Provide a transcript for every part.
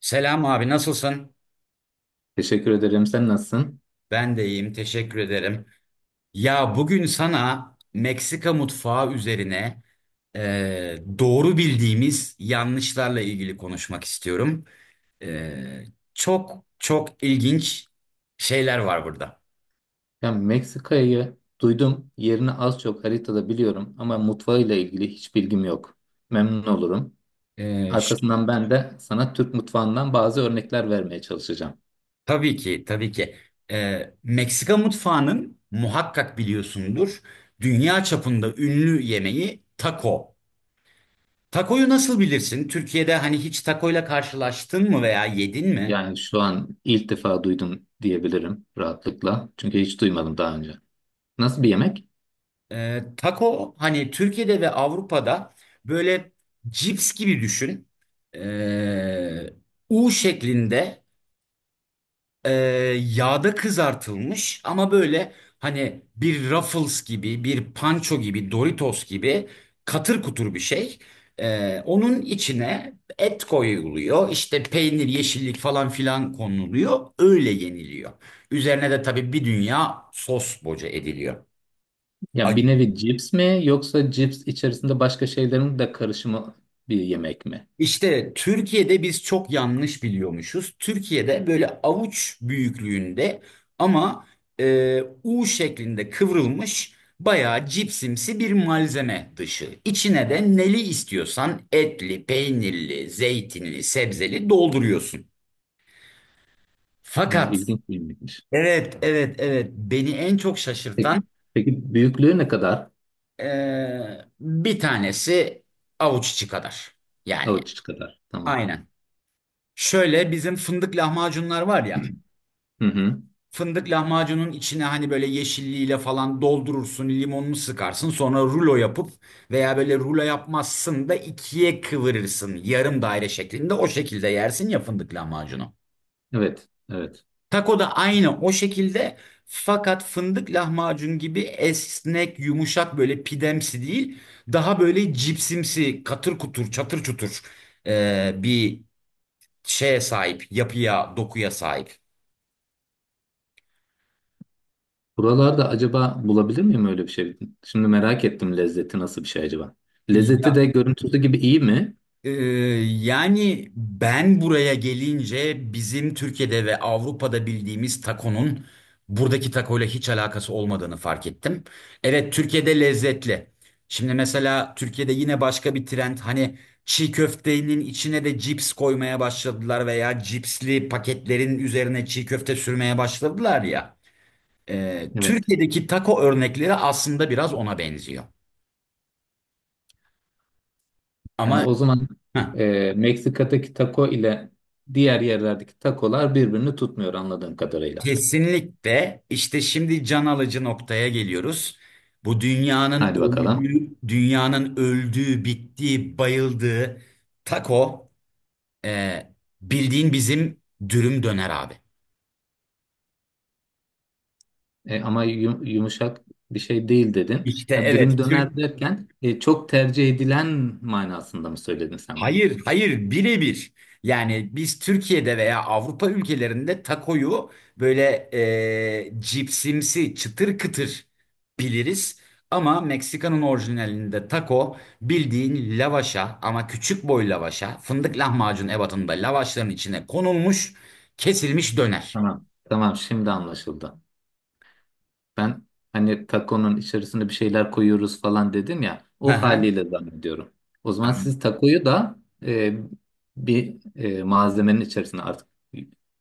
Selam abi, nasılsın? Teşekkür ederim. Sen nasılsın? Ben de iyiyim, teşekkür ederim. Ya bugün sana Meksika mutfağı üzerine doğru bildiğimiz yanlışlarla ilgili konuşmak istiyorum. E, çok çok ilginç şeyler var burada. Ya Meksika'yı duydum. Yerini az çok haritada biliyorum ama mutfağıyla ilgili hiç bilgim yok. Memnun olurum. E, ş- Arkasından ben de sana Türk mutfağından bazı örnekler vermeye çalışacağım. tabii ki, tabii ki. Meksika mutfağının muhakkak biliyorsundur, dünya çapında ünlü yemeği taco. Takoyu nasıl bilirsin? Türkiye'de hani hiç takoyla karşılaştın mı veya yedin mi? Yani şu an ilk defa duydum diyebilirim rahatlıkla. Çünkü hiç duymadım daha önce. Nasıl bir yemek? Tako hani Türkiye'de ve Avrupa'da böyle cips gibi düşün. Ee, U şeklinde e, yağda kızartılmış ama böyle hani bir Ruffles gibi, bir Pancho gibi, Doritos gibi katır kutur bir şey. Onun içine et koyuluyor, işte peynir, yeşillik falan filan konuluyor, öyle yeniliyor. Üzerine de tabii bir dünya sos boca ediliyor. Ya bir nevi cips mi yoksa cips içerisinde başka şeylerin de karışımı bir yemek mi? İşte Türkiye'de biz çok yanlış biliyormuşuz. Türkiye'de böyle avuç büyüklüğünde ama U şeklinde kıvrılmış bayağı cipsimsi bir malzeme dışı. İçine de neli istiyorsan etli, peynirli, zeytinli, sebzeli dolduruyorsun. Yani Fakat İlginç bir yemekmiş. evet, evet, evet, beni en çok Peki, şaşırtan peki büyüklüğü ne kadar? e, bir tanesi avuç içi kadar. Yani Avuç içi kadar. Tamam. aynen. Şöyle bizim fındık lahmacunlar var ya. Hı hı. Fındık lahmacunun içine hani böyle yeşilliğiyle falan doldurursun, limonunu sıkarsın. Sonra rulo yapıp veya böyle rulo yapmazsın da ikiye kıvırırsın. Yarım daire şeklinde o şekilde yersin ya fındık lahmacunu. Evet, evet. Taco da aynı o şekilde fakat fındık lahmacun gibi esnek, yumuşak böyle pidemsi değil. Daha böyle cipsimsi, katır kutur, çatır çutur bir şeye sahip, yapıya, dokuya sahip. Buralarda acaba bulabilir miyim öyle bir şey? Şimdi merak ettim, lezzeti nasıl bir şey acaba? Lezzeti Ya, de görüntüsü gibi iyi mi? Ee, yani ben buraya gelince bizim Türkiye'de ve Avrupa'da bildiğimiz takonun buradaki takoyla hiç alakası olmadığını fark ettim. Evet, Türkiye'de lezzetli. Şimdi mesela Türkiye'de yine başka bir trend hani çiğ köftenin içine de cips koymaya başladılar veya cipsli paketlerin üzerine çiğ köfte sürmeye başladılar ya. Evet. Türkiye'deki taco örnekleri aslında biraz ona benziyor. Ama Yani o zaman heh. Meksika'daki taco ile diğer yerlerdeki takolar birbirini tutmuyor anladığım kadarıyla. Kesinlikle, işte şimdi can alıcı noktaya geliyoruz. Bu dünyanın Hadi bakalım. öldüğü, dünyanın öldüğü, bittiği, bayıldığı taco e, bildiğin bizim dürüm döner abi. Ama yumuşak bir şey değil dedin. İşte Ha, dürüm evet, döner Türk. derken çok tercih edilen manasında mı söyledin sen bunu? Hayır, hayır, birebir. Yani biz Türkiye'de veya Avrupa ülkelerinde takoyu böyle cipsimsi, çıtır kıtır biliriz. Ama Meksika'nın orijinalinde taco bildiğin lavaşa ama küçük boy lavaşa, fındık lahmacun ebatında lavaşların içine konulmuş, kesilmiş döner. Tamam. Tamam, şimdi anlaşıldı. Ben hani takonun içerisine bir şeyler koyuyoruz falan dedim ya. Hı O hı. haliyle zannediyorum. O zaman siz takoyu da e, bir malzemenin içerisine artık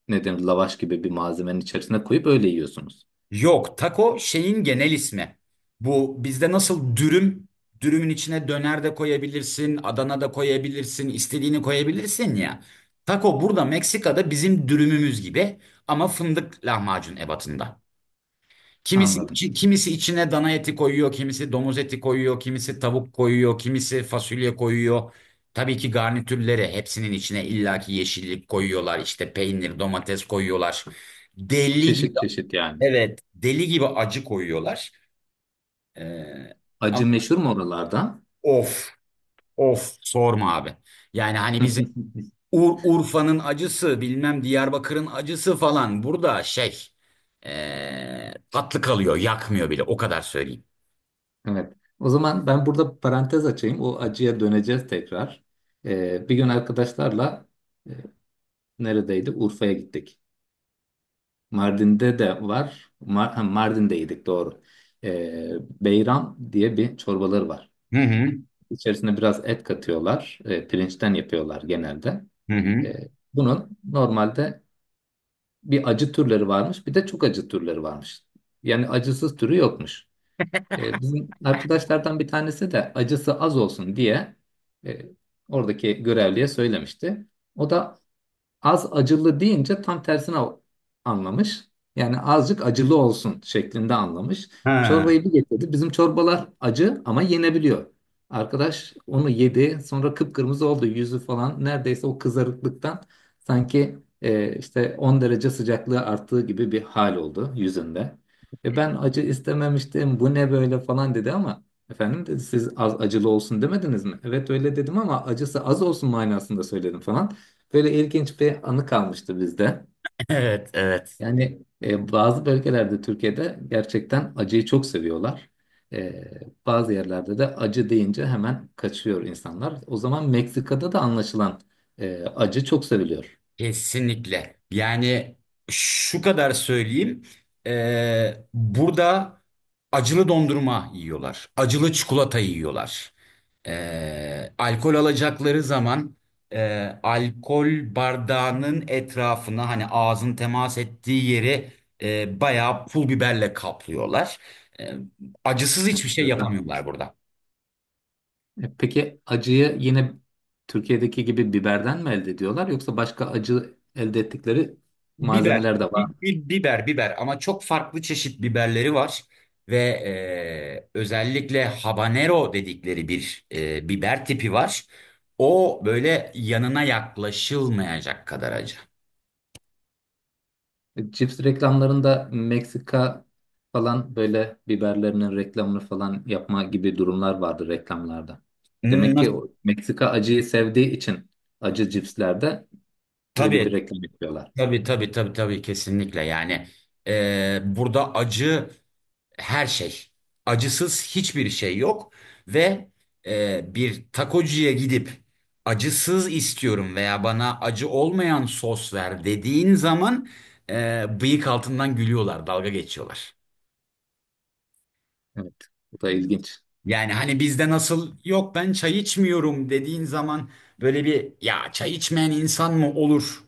ne denir, lavaş gibi bir malzemenin içerisine koyup öyle yiyorsunuz. Yok, taco şeyin genel ismi. Bu bizde nasıl dürüm, dürümün içine döner de koyabilirsin, Adana da koyabilirsin, istediğini koyabilirsin ya. Taco burada Meksika'da bizim dürümümüz gibi ama fındık lahmacun ebatında. Kimisi Anladım. içi- kimisi içine dana eti koyuyor, kimisi domuz eti koyuyor, kimisi tavuk koyuyor, kimisi fasulye koyuyor. Tabii ki garnitürleri hepsinin içine illaki yeşillik koyuyorlar, işte peynir, domates koyuyorlar. Deli gibi Çeşit çeşit yani. evet, deli gibi acı koyuyorlar. Ee, ama Acı meşhur mu oralarda? of, of sorma abi. Yani hani bizim Ur Urfa'nın acısı, bilmem Diyarbakır'ın acısı falan burada şey tatlı kalıyor, yakmıyor bile. O kadar söyleyeyim. Evet. O zaman ben burada parantez açayım. O acıya döneceğiz tekrar. Bir gün arkadaşlarla, e, neredeydi, Urfa'ya gittik. Mardin'de de var. Mardin'deydik doğru. Ee, Beyran diye bir çorbaları var. Hı hı, İçerisine biraz et katıyorlar. Pirinçten yapıyorlar genelde. hı hı. Ee, Bunun normalde bir acı türleri varmış, bir de çok acı türleri varmış. Yani acısız türü yokmuş. Bizim arkadaşlardan bir tanesi de acısı az olsun diye e, oradaki görevliye söylemişti. O da az acılı deyince tam tersine anlamış. Yani azıcık acılı olsun şeklinde anlamış. Ha, Çorbayı bir getirdi. Bizim çorbalar acı ama yenebiliyor. Arkadaş onu yedi. Sonra kıpkırmızı oldu yüzü falan. Neredeyse o kızarıklıktan, sanki işte 10 derece sıcaklığı arttığı gibi bir hal oldu yüzünde. E ben acı istememiştim, bu ne böyle falan dedi ama efendim dedi, siz az acılı olsun demediniz mi? Evet öyle dedim ama acısı az olsun manasında söyledim falan. Böyle ilginç bir anı kalmıştı bizde. evet, evet. Yani bazı bölgelerde Türkiye'de gerçekten acıyı çok seviyorlar. E, Bazı yerlerde de acı deyince hemen kaçıyor insanlar. O zaman Meksika'da da anlaşılan acı çok seviliyor. Kesinlikle. Yani şu kadar söyleyeyim. Burada acılı dondurma yiyorlar. Acılı çikolata yiyorlar. Alkol alacakları zaman alkol bardağının etrafına hani ağzın temas ettiği yeri bayağı pul biberle kaplıyorlar. Ee, acısız hiçbir şey Evet. yapamıyorlar burada. Peki acıyı yine Türkiye'deki gibi biberden mi elde ediyorlar, yoksa başka acı elde ettikleri Biber, malzemeler de var bi- mı? bi- biber, biber ama çok farklı çeşit biberleri var ve özellikle habanero dedikleri bir biber tipi var. O böyle yanına yaklaşılmayacak kadar acı. Cips reklamlarında Meksika falan, böyle biberlerinin reklamını falan yapma gibi durumlar vardı reklamlarda. Demek ki Nasıl? o Meksika acıyı sevdiği için acı cipslerde öyle bir Tabii, reklam yapıyorlar. tabii, tabii, tabii, tabii, kesinlikle. Yani burada acı her şey. Acısız hiçbir şey yok ve bir takocuya gidip acısız istiyorum veya bana acı olmayan sos ver dediğin zaman bıyık altından gülüyorlar, dalga geçiyorlar. Evet, bu da ilginç. Yani hani bizde nasıl yok ben çay içmiyorum dediğin zaman böyle bir ya çay içmeyen insan mı olur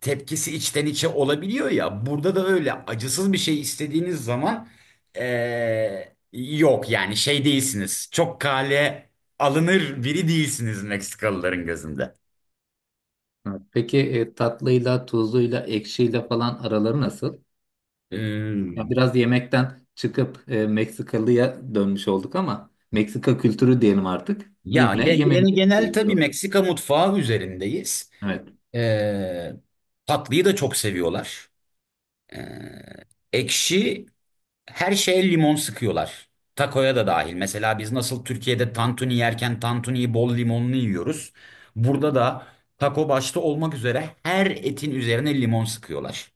tepkisi içten içe olabiliyor ya. Burada da öyle acısız bir şey istediğiniz zaman yok yani şey değilsiniz. Çok kale alınır biri değilsiniz Meksikalıların gözünde. Evet, peki tatlıyla, tuzluyla, ekşiyle falan araları nasıl? Ya Hmm, biraz yemekten çıkıp Meksikalıya dönmüş olduk, ama Meksika kültürü diyelim artık. ya Yine yemeğe genel tabii dönüyoruz. Meksika mutfağı üzerindeyiz. Evet. Eee tatlıyı da çok seviyorlar. Ekşi her şeye limon sıkıyorlar. Takoya da dahil. Mesela biz nasıl Türkiye'de tantuni yerken tantuniyi bol limonlu yiyoruz. Burada da taco başta olmak üzere her etin üzerine limon sıkıyorlar.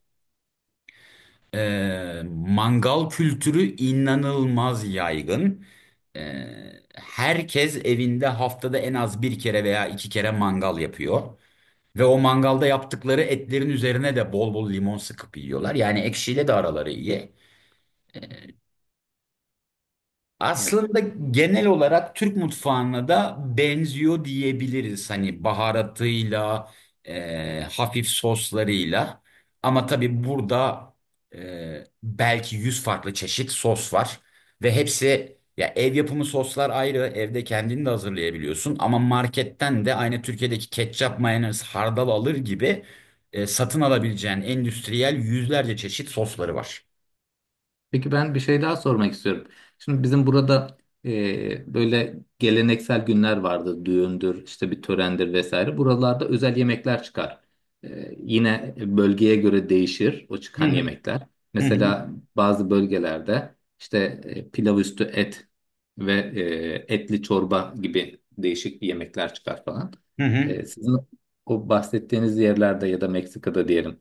Ee, mangal kültürü inanılmaz yaygın. Ee, herkes evinde haftada en az bir kere veya iki kere mangal yapıyor. Ve o mangalda yaptıkları etlerin üzerine de bol bol limon sıkıp yiyorlar. Yani ekşiyle de araları iyi. Aslında genel olarak Türk mutfağına da benziyor diyebiliriz. Hani baharatıyla, hafif soslarıyla. Ama tabii burada belki 100 farklı çeşit sos var. Ve hepsi ya ev yapımı soslar ayrı, evde kendini de hazırlayabiliyorsun. Ama marketten de aynı Türkiye'deki ketçap, mayonez, hardal alır gibi satın alabileceğin endüstriyel yüzlerce çeşit sosları var. Peki ben bir şey daha sormak istiyorum. Şimdi bizim burada böyle geleneksel günler vardır. Düğündür, işte bir törendir vesaire. Buralarda özel yemekler çıkar. Yine bölgeye göre değişir o Hı çıkan hı. yemekler. Hı hı. Mesela bazı bölgelerde işte pilav üstü et ve etli çorba gibi değişik yemekler çıkar falan. Hı hı. Sizin o bahsettiğiniz yerlerde ya da Meksika'da diyelim,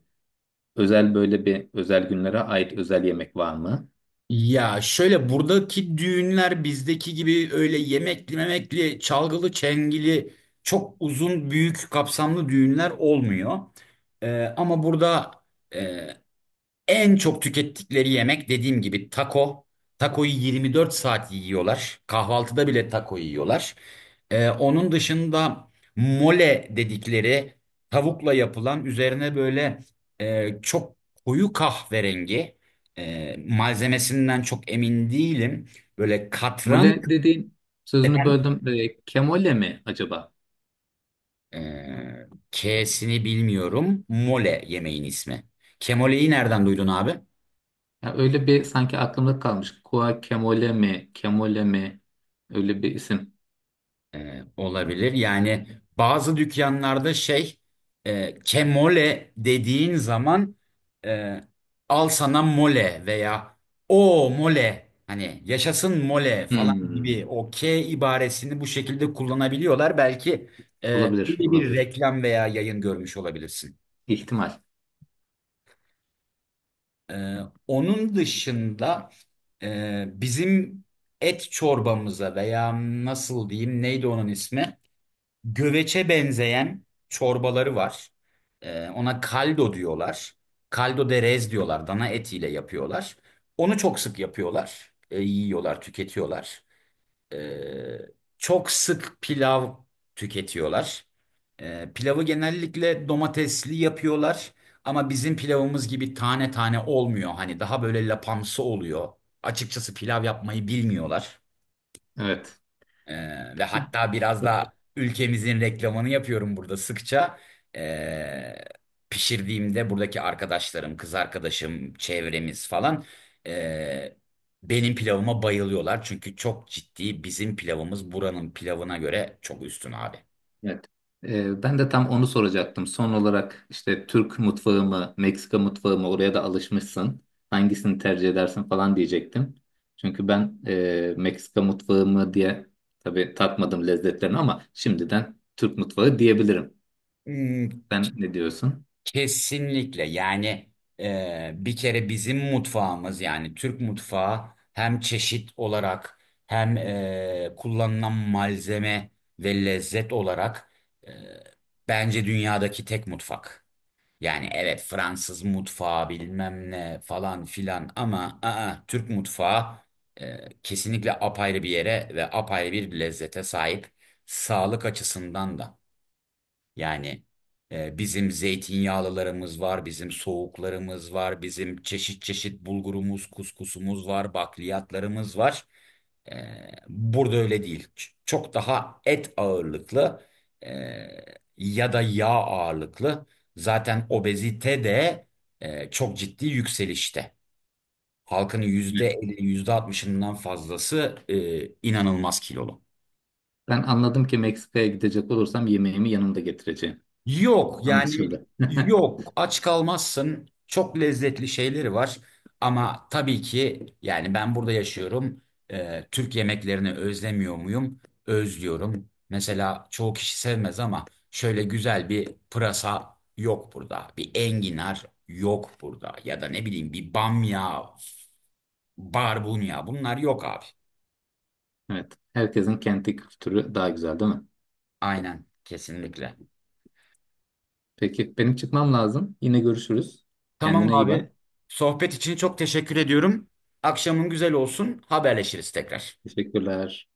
özel böyle bir özel günlere ait özel yemek var mı? Ya şöyle buradaki düğünler bizdeki gibi öyle yemekli memekli, çalgılı çengili çok uzun büyük kapsamlı düğünler olmuyor. Ama burada e, en çok tükettikleri yemek dediğim gibi taco. Taco'yu 24 saat yiyorlar. Kahvaltıda bile taco yiyorlar. Onun dışında mole dedikleri tavukla yapılan üzerine böyle çok koyu kahverengi malzemesinden çok emin değilim. Böyle katran Mole dediğin, sözünü böldüm. Kemole mi acaba? K'sini bilmiyorum. Mole yemeğin ismi. Kemole'yi nereden duydun abi? Ya öyle bir sanki aklımda kalmış. Kua kemole mi? Kemole mi? Öyle bir isim. E, olabilir. Yani bazı dükkanlarda şey kemole dediğin zaman e, al sana mole veya o mole hani yaşasın mole falan Hmm. gibi o K ibaresini bu şekilde kullanabiliyorlar. Belki e, Olabilir, öyle bir olabilir. reklam veya yayın görmüş olabilirsin. İhtimal. E, onun dışında bizim et çorbamıza veya nasıl diyeyim neydi onun ismi? Göveçe benzeyen çorbaları var. Ona kaldo diyorlar. Kaldo de res diyorlar. Dana etiyle yapıyorlar. Onu çok sık yapıyorlar. Yiyorlar, tüketiyorlar. Ee, çok sık pilav tüketiyorlar. Pilavı genellikle domatesli yapıyorlar. Ama bizim pilavımız gibi tane tane olmuyor. Hani daha böyle lapamsı oluyor. Açıkçası pilav yapmayı bilmiyorlar. Evet. Ve hatta biraz da ülkemizin reklamını yapıyorum burada sıkça. Ee, pişirdiğimde buradaki arkadaşlarım, kız arkadaşım, çevremiz falan ee, benim pilavıma bayılıyorlar. Çünkü çok ciddi bizim pilavımız buranın pilavına göre çok üstün abi. Evet. Ben de tam onu soracaktım. Son olarak işte Türk mutfağı mı, Meksika mutfağı mı? Oraya da alışmışsın. Hangisini tercih edersin falan diyecektim. Çünkü ben Meksika mutfağı mı diye, tabii tatmadım lezzetlerini, ama şimdiden Türk mutfağı diyebilirim. Hmm, Sen ne diyorsun? Kesinlikle yani bir kere bizim mutfağımız yani Türk mutfağı hem çeşit olarak hem kullanılan malzeme ve lezzet olarak e, bence dünyadaki tek mutfak. Yani evet Fransız mutfağı bilmem ne falan filan ama Türk mutfağı kesinlikle apayrı bir yere ve apayrı bir lezzete sahip, sağlık açısından da. Yani bizim zeytinyağlılarımız var, bizim soğuklarımız var, bizim çeşit çeşit bulgurumuz, kuskusumuz var, bakliyatlarımız var. E, burada öyle değil. Çok daha et ağırlıklı e, ya da yağ ağırlıklı. Zaten obezite de çok ciddi yükselişte. Halkın Hı. yüzde %50, yüzde %60'ından fazlası inanılmaz kilolu. Ben anladım ki Meksika'ya gidecek olursam yemeğimi yanımda getireceğim. Yok yani Anlaşıldı. yok, aç kalmazsın. Çok lezzetli şeyleri var. Ama tabii ki yani ben burada yaşıyorum. Türk yemeklerini özlemiyor muyum? Özlüyorum. Mesela çoğu kişi sevmez ama şöyle güzel bir pırasa yok burada. Bir enginar yok burada. Ya da ne bileyim bir bamya, barbunya bunlar yok abi. Evet. Herkesin kendi kültürü daha güzel değil mi? Aynen, kesinlikle. Peki benim çıkmam lazım. Yine görüşürüz. Tamam Kendine iyi bak. abi. Sohbet için çok teşekkür ediyorum. Akşamın güzel olsun. Haberleşiriz tekrar. Teşekkürler.